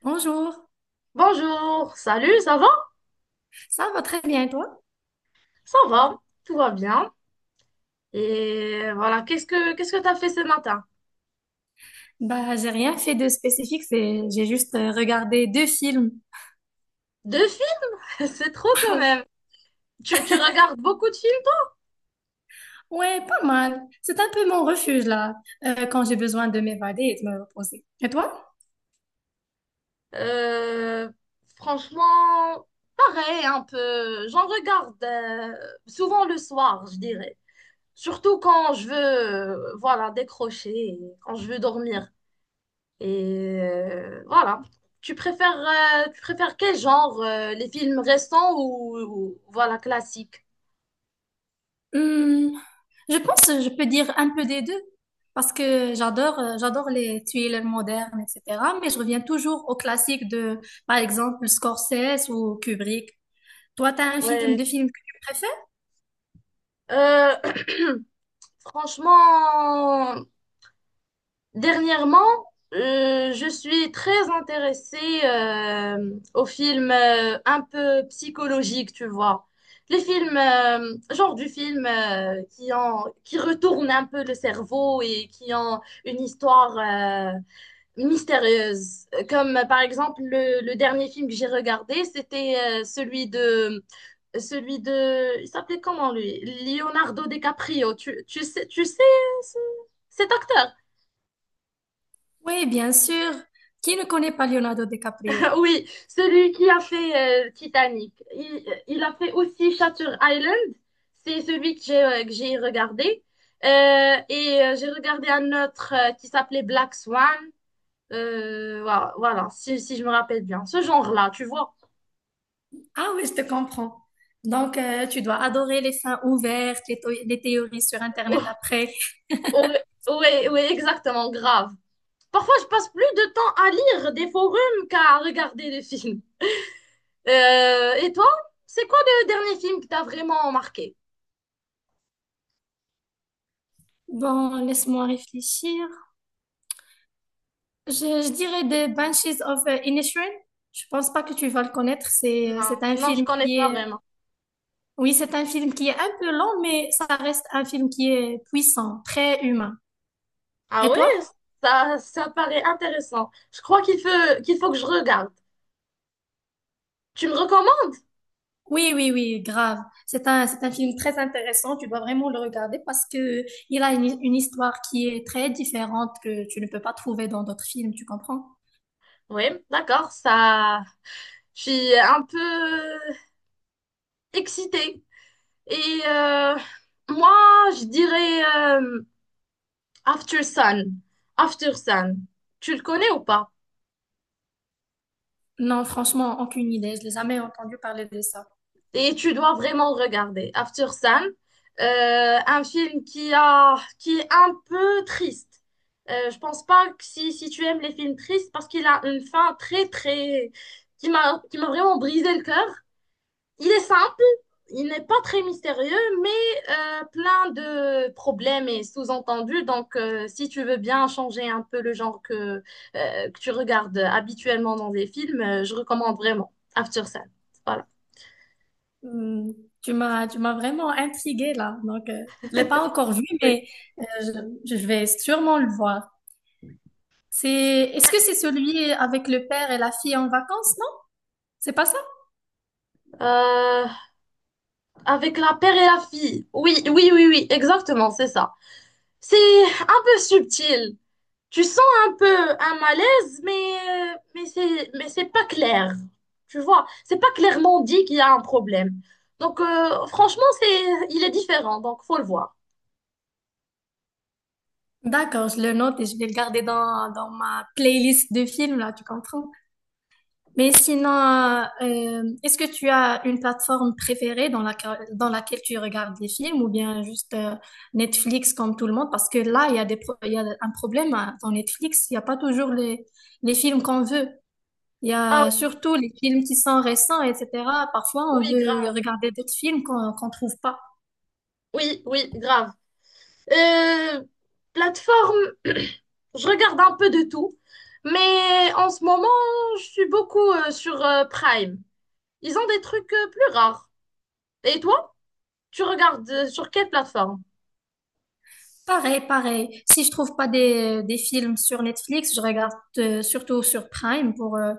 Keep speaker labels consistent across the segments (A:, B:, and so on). A: Bonjour,
B: Bonjour, salut, ça va?
A: ça va très bien, et toi?
B: Ça va, tout va bien. Et voilà, qu'est-ce que t'as fait ce matin?
A: Bah, j'ai rien fait de spécifique, c'est j'ai juste regardé deux films.
B: Deux films? C'est trop quand même. Tu regardes beaucoup de films?
A: Ouais, pas mal. C'est un peu mon refuge là, quand j'ai besoin de m'évader et de me reposer. Et toi?
B: Euh, Franchement, pareil, un peu. J'en regarde souvent le soir, je dirais. Surtout quand je veux, voilà, décrocher, et quand je veux dormir. Et voilà. Tu préfères, tu préfères quel genre? Les films récents ou voilà, classiques?
A: Hmm, je pense que je peux dire un peu des deux, parce que j'adore les thrillers modernes, etc. Mais je reviens toujours aux classiques de, par exemple, Scorsese ou Kubrick. Toi, t'as un
B: Ouais.
A: films que tu préfères?
B: Euh, franchement, dernièrement, je suis très intéressée aux films un peu psychologiques, tu vois. Les films, genre du film qui ont, qui retournent un peu le cerveau et qui ont une histoire mystérieuse. Comme par exemple le dernier film que j'ai regardé, c'était celui de Celui de... Il s'appelait comment lui? Leonardo DiCaprio. Tu sais, ce- cet acteur?
A: Oui, bien sûr. Qui ne connaît pas Leonardo DiCaprio?
B: Oui, celui qui a fait Titanic. Il a fait aussi Shutter Island. C'est celui que j'ai regardé. J'ai regardé un autre qui s'appelait Black Swan. Voilà, si je me rappelle bien. Ce genre-là, tu vois.
A: Ah oui, je te comprends. Donc, tu dois adorer les fins ouvertes, les théories sur Internet après.
B: Oui, oui, oui, exactement, grave. Parfois, je passe plus de temps à lire des forums qu'à regarder des films. Et toi, c'est quoi le dernier film qui t'a vraiment marqué?
A: Bon, laisse-moi réfléchir. Je dirais The Banshees of Inisherin. Je pense pas que tu vas le connaître. C'est un
B: Non, je
A: film
B: connais
A: qui
B: pas
A: est,
B: vraiment.
A: oui, c'est un film qui est un peu long, mais ça reste un film qui est puissant, très humain.
B: Ah
A: Et
B: ouais,
A: toi?
B: ça paraît intéressant. Je crois qu'il faut que je regarde. Tu me recommandes?
A: Oui, oui, oui, grave. C'est un film très intéressant. Tu dois vraiment le regarder parce que il a une histoire qui est très différente que tu ne peux pas trouver dans d'autres films. Tu comprends?
B: Oui, d'accord, ça. Je suis un peu excitée. Et euh, Moi, je dirais euh, After Sun. After Sun. Tu le connais ou pas?
A: Non, franchement, aucune idée. Je n'ai jamais entendu parler de ça.
B: Et tu dois vraiment regarder. After Sun, un film qui a, qui est un peu triste. Je pense pas que si, si tu aimes les films tristes, parce qu'il a une fin très, très, qui m'a vraiment brisé le cœur. Il est simple, il n'est pas très mystérieux, mais plein de problèmes et sous-entendus. Donc, si tu veux bien changer un peu le genre que tu regardes habituellement dans des films, je recommande vraiment After Sun. Voilà.
A: Hmm, tu m'as vraiment intriguée là. Donc, je l'ai pas encore vu,
B: Oui.
A: mais euh, je vais sûrement le voir. C'est, est-ce que c'est celui avec le père et la fille en vacances, non? C'est pas ça?
B: Euh, Avec la père et la fille. Oui, oui, oui, oui, exactement, c'est ça. C'est un peu subtil. Tu sens un peu un malaise, mais c'est pas clair. Tu vois, c'est pas clairement dit qu'il y a un problème. Donc, franchement, c'est, il est différent, donc faut le voir.
A: D'accord, je le note et je vais le garder dans ma playlist de films, là, tu comprends? Mais sinon, est-ce que tu as une plateforme préférée dans laquelle tu regardes des films ou bien juste Netflix comme tout le monde? Parce que là, il y a il y a un problème hein, dans Netflix, il n'y a pas toujours les films qu'on veut. Il y
B: Ah,
A: a surtout les films qui sont récents, etc. Parfois, on
B: oui,
A: veut
B: grave.
A: regarder d'autres films qu'on trouve pas.
B: Oui, oui, grave. Euh, Plateforme, je regarde un peu de tout, mais en ce moment, je suis beaucoup sur Prime. Ils ont des trucs plus rares. Et toi, tu regardes sur quelle plateforme?
A: Pareil, pareil. Si je trouve pas des films sur Netflix, je regarde surtout sur Prime pour,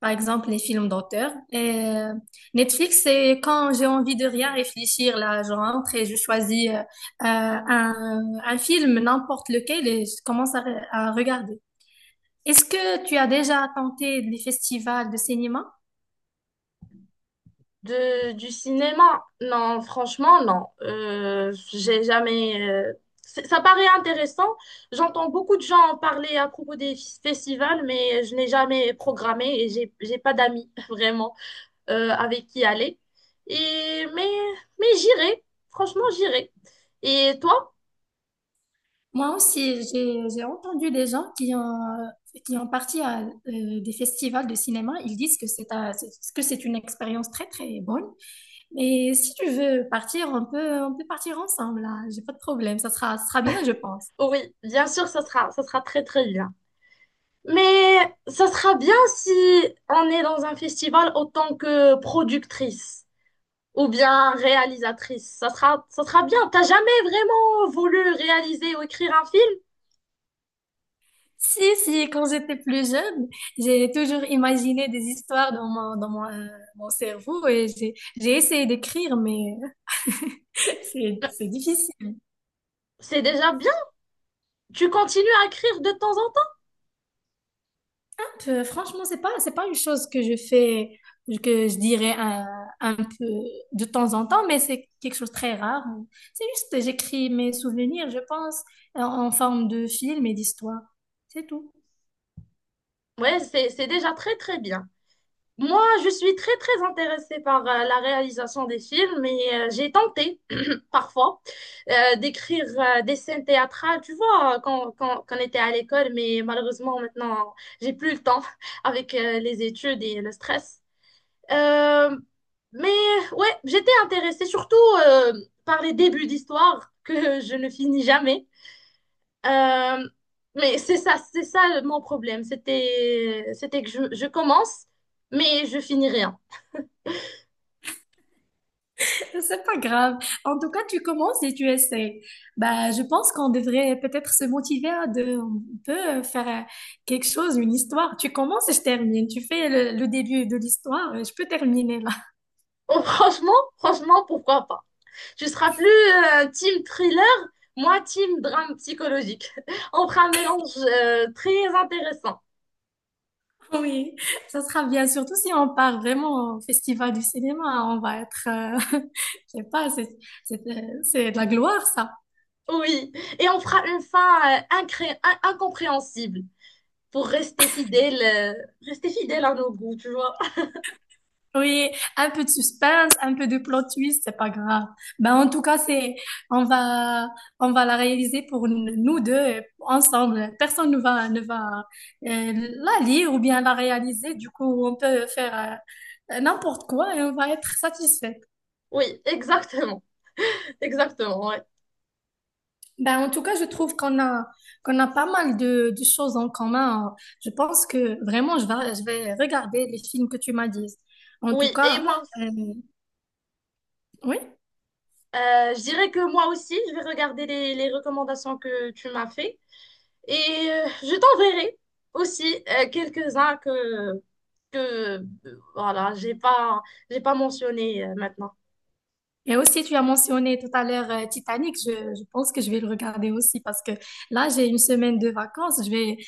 A: par exemple, les films d'auteur. Et Netflix, c'est quand j'ai envie de rien réfléchir, là, je rentre et je choisis un film, n'importe lequel, et je commence à regarder. Est-ce que tu as déjà tenté les festivals de cinéma?
B: De, du cinéma? Non, franchement, non. J'ai jamais. C'est- Ça paraît intéressant. J'entends beaucoup de gens en parler à propos festivals, mais je n'ai jamais programmé et j'ai pas d'amis vraiment avec qui aller. Et mais, mais j'irai. Franchement, j'irai. Et toi?
A: Moi aussi, j'ai entendu des gens qui ont parti à des festivals de cinéma. Ils disent que que c'est une expérience très, très bonne. Mais si tu veux partir, on peut partir ensemble, là. J'ai pas de problème. Ça sera bien, je pense.
B: Oui, bien sûr, ça sera très très bien. Mais ça sera bien si on est dans un festival autant que productrice ou bien réalisatrice. Ça sera bien. T'as jamais vraiment voulu réaliser ou écrire un film?
A: Si, si, quand j'étais plus jeune, j'ai toujours imaginé des histoires mon cerveau et j'ai essayé d'écrire, mais c'est difficile.
B: C'est déjà bien. Tu continues à écrire de temps en temps.
A: Franchement, c'est pas une chose que je fais, que je dirais un peu de temps en temps, mais c'est quelque chose de très rare. C'est juste, j'écris mes souvenirs, je pense, en forme de film et d'histoire. C'est tout.
B: Ouais, c'est déjà très très bien. Moi, je suis très très intéressée par la réalisation des films et j'ai tenté parfois d'écrire des scènes théâtrales, tu vois, quand on était à l'école, mais malheureusement maintenant, j'ai plus le temps avec les études et le stress. Euh, mais ouais, j'étais intéressée surtout euh, par les débuts d'histoire que je ne finis jamais. Euh, mais c'est ça mon problème. C'était que je commence, mais je finis rien.
A: C'est pas grave. En tout cas, tu commences et tu essaies. Bah, je pense qu'on devrait peut-être se motiver à de, on peut faire quelque chose, une histoire. Tu commences et je termine. Tu fais le début de l'histoire, je peux terminer là.
B: Oh, franchement, franchement, pourquoi pas? Tu seras plus team thriller, moi team drame psychologique. On fera un mélange très intéressant.
A: Oui, ça sera bien, surtout si on part vraiment au festival du cinéma, hein, on va être, je sais pas, c'est de la gloire, ça.
B: Oui, et on fera une fin incompréhensible pour rester fidèle à nos goûts, tu vois.
A: Oui, un peu de suspense, un peu de plot twist, c'est pas grave. Ben, en tout cas, c'est, on va, on va la réaliser pour nous deux, ensemble. Personne ne va la lire ou bien la réaliser. Du coup, on peut faire, n'importe quoi et on va être satisfait.
B: Oui, exactement, exactement, ouais.
A: Ben, en tout cas, je trouve qu'on a pas mal de choses en commun. Je pense que vraiment, je vais regarder les films que tu m'as dit. En
B: Oui,
A: tout
B: et
A: cas,
B: moi aussi.
A: euh, oui.
B: Je dirais que moi aussi, je vais regarder les recommandations que tu m'as fait. Et je t'enverrai aussi quelques-uns que voilà, j'ai pas mentionné maintenant.
A: Et aussi, tu as mentionné tout à l'heure Titanic. Je pense que je vais le regarder aussi parce que là, j'ai une semaine de vacances.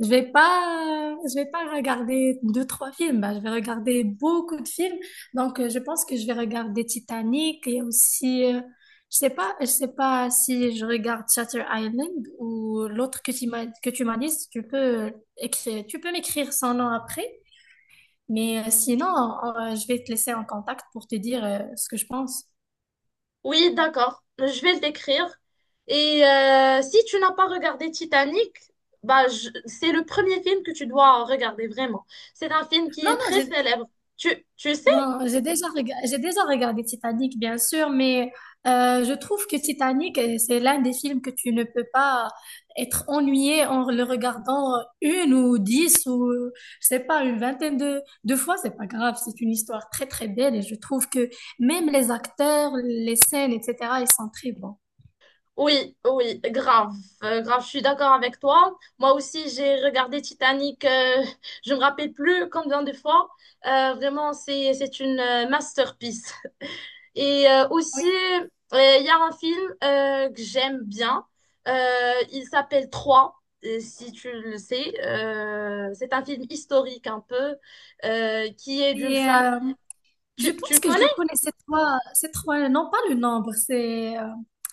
A: Je vais pas regarder deux, trois films. Bah, je vais regarder beaucoup de films. Donc, je pense que je vais regarder Titanic et aussi, je sais pas si je regarde Shutter Island ou l'autre que que tu m'as dit. Si Tu peux écrire, tu peux m'écrire son nom après. Mais sinon, je vais te laisser en contact pour te dire ce que je pense.
B: Oui, d'accord. Je vais le décrire. Et si tu n'as pas regardé Titanic, c'est le premier film que tu dois regarder vraiment. C'est un film qui
A: Non,
B: est
A: non,
B: très célèbre. Tu sais
A: non, j'ai déjà regardé Titanic, bien sûr, mais je trouve que Titanic, c'est l'un des films que tu ne peux pas être ennuyé en le regardant une ou dix ou, je sais pas, une vingtaine de fois. C'est pas grave, c'est une histoire très, très belle et je trouve que même les acteurs, les scènes, etc., ils sont très bons.
B: Oui, oui, grave, grave, je suis d'accord avec toi. Moi aussi, j'ai regardé Titanic, je me rappelle plus combien de fois. Vraiment, c'est une masterpiece. Et aussi, il y a un film que j'aime bien. Euh, il s'appelle Trois, si tu le sais. C'est un film historique un peu, qui est d'une
A: Et
B: femme.
A: je
B: Tu,
A: pense
B: tu
A: que je
B: connais?
A: le connais, c'est trois, non pas le nombre,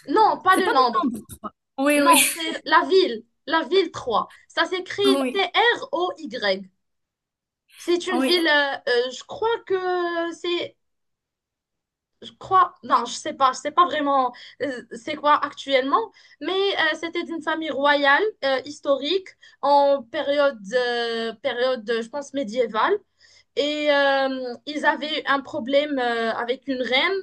B: Non, pas
A: c'est pas
B: le
A: le
B: nombre.
A: nombre trois. Oui, oui,
B: Non, c'est la ville trois. Ça s'écrit
A: oui,
B: Troy. C'est une
A: oui.
B: ville, je crois que c'est, je crois, non, je sais pas vraiment c'est quoi actuellement, mais c'était d'une famille royale, historique, en période, période, je pense, médiévale. Et ils avaient un problème avec une reine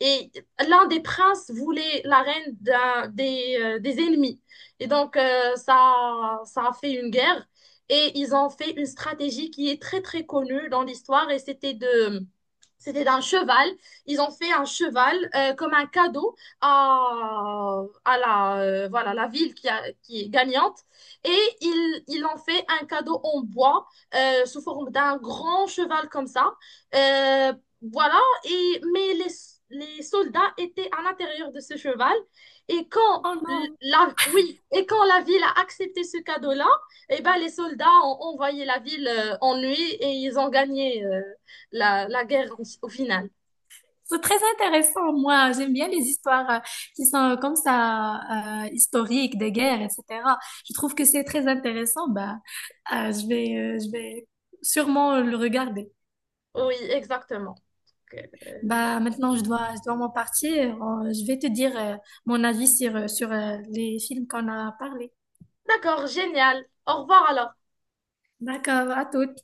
B: et l'un des princes voulait la reine des ennemis. Et donc, ça a fait une guerre. Et ils ont fait une stratégie qui est très, très connue dans l'histoire. Et c'était de, c'était d'un cheval. Ils ont fait un cheval comme un cadeau à la, voilà, la ville qui est gagnante. Et ils ont fait un cadeau en bois sous forme d'un grand cheval comme ça. Euh, voilà, et, mais les soldats étaient à l'intérieur de ce cheval. Et quand
A: Oh non,
B: la, oui, et quand la ville a accepté ce cadeau-là, eh ben, les soldats ont envoyé la ville en nuit et ils ont gagné la, la guerre au final.
A: c'est très intéressant, moi. J'aime bien les histoires qui sont comme ça, historiques, des guerres, etc. Je trouve que c'est très intéressant. Bah, je vais sûrement le regarder.
B: Oui, exactement. Donc,
A: Bah, maintenant, je dois m'en partir. Je vais te dire, mon avis sur, les films qu'on a parlé.
B: D'accord, génial. Au revoir alors.
A: D'accord, à toutes.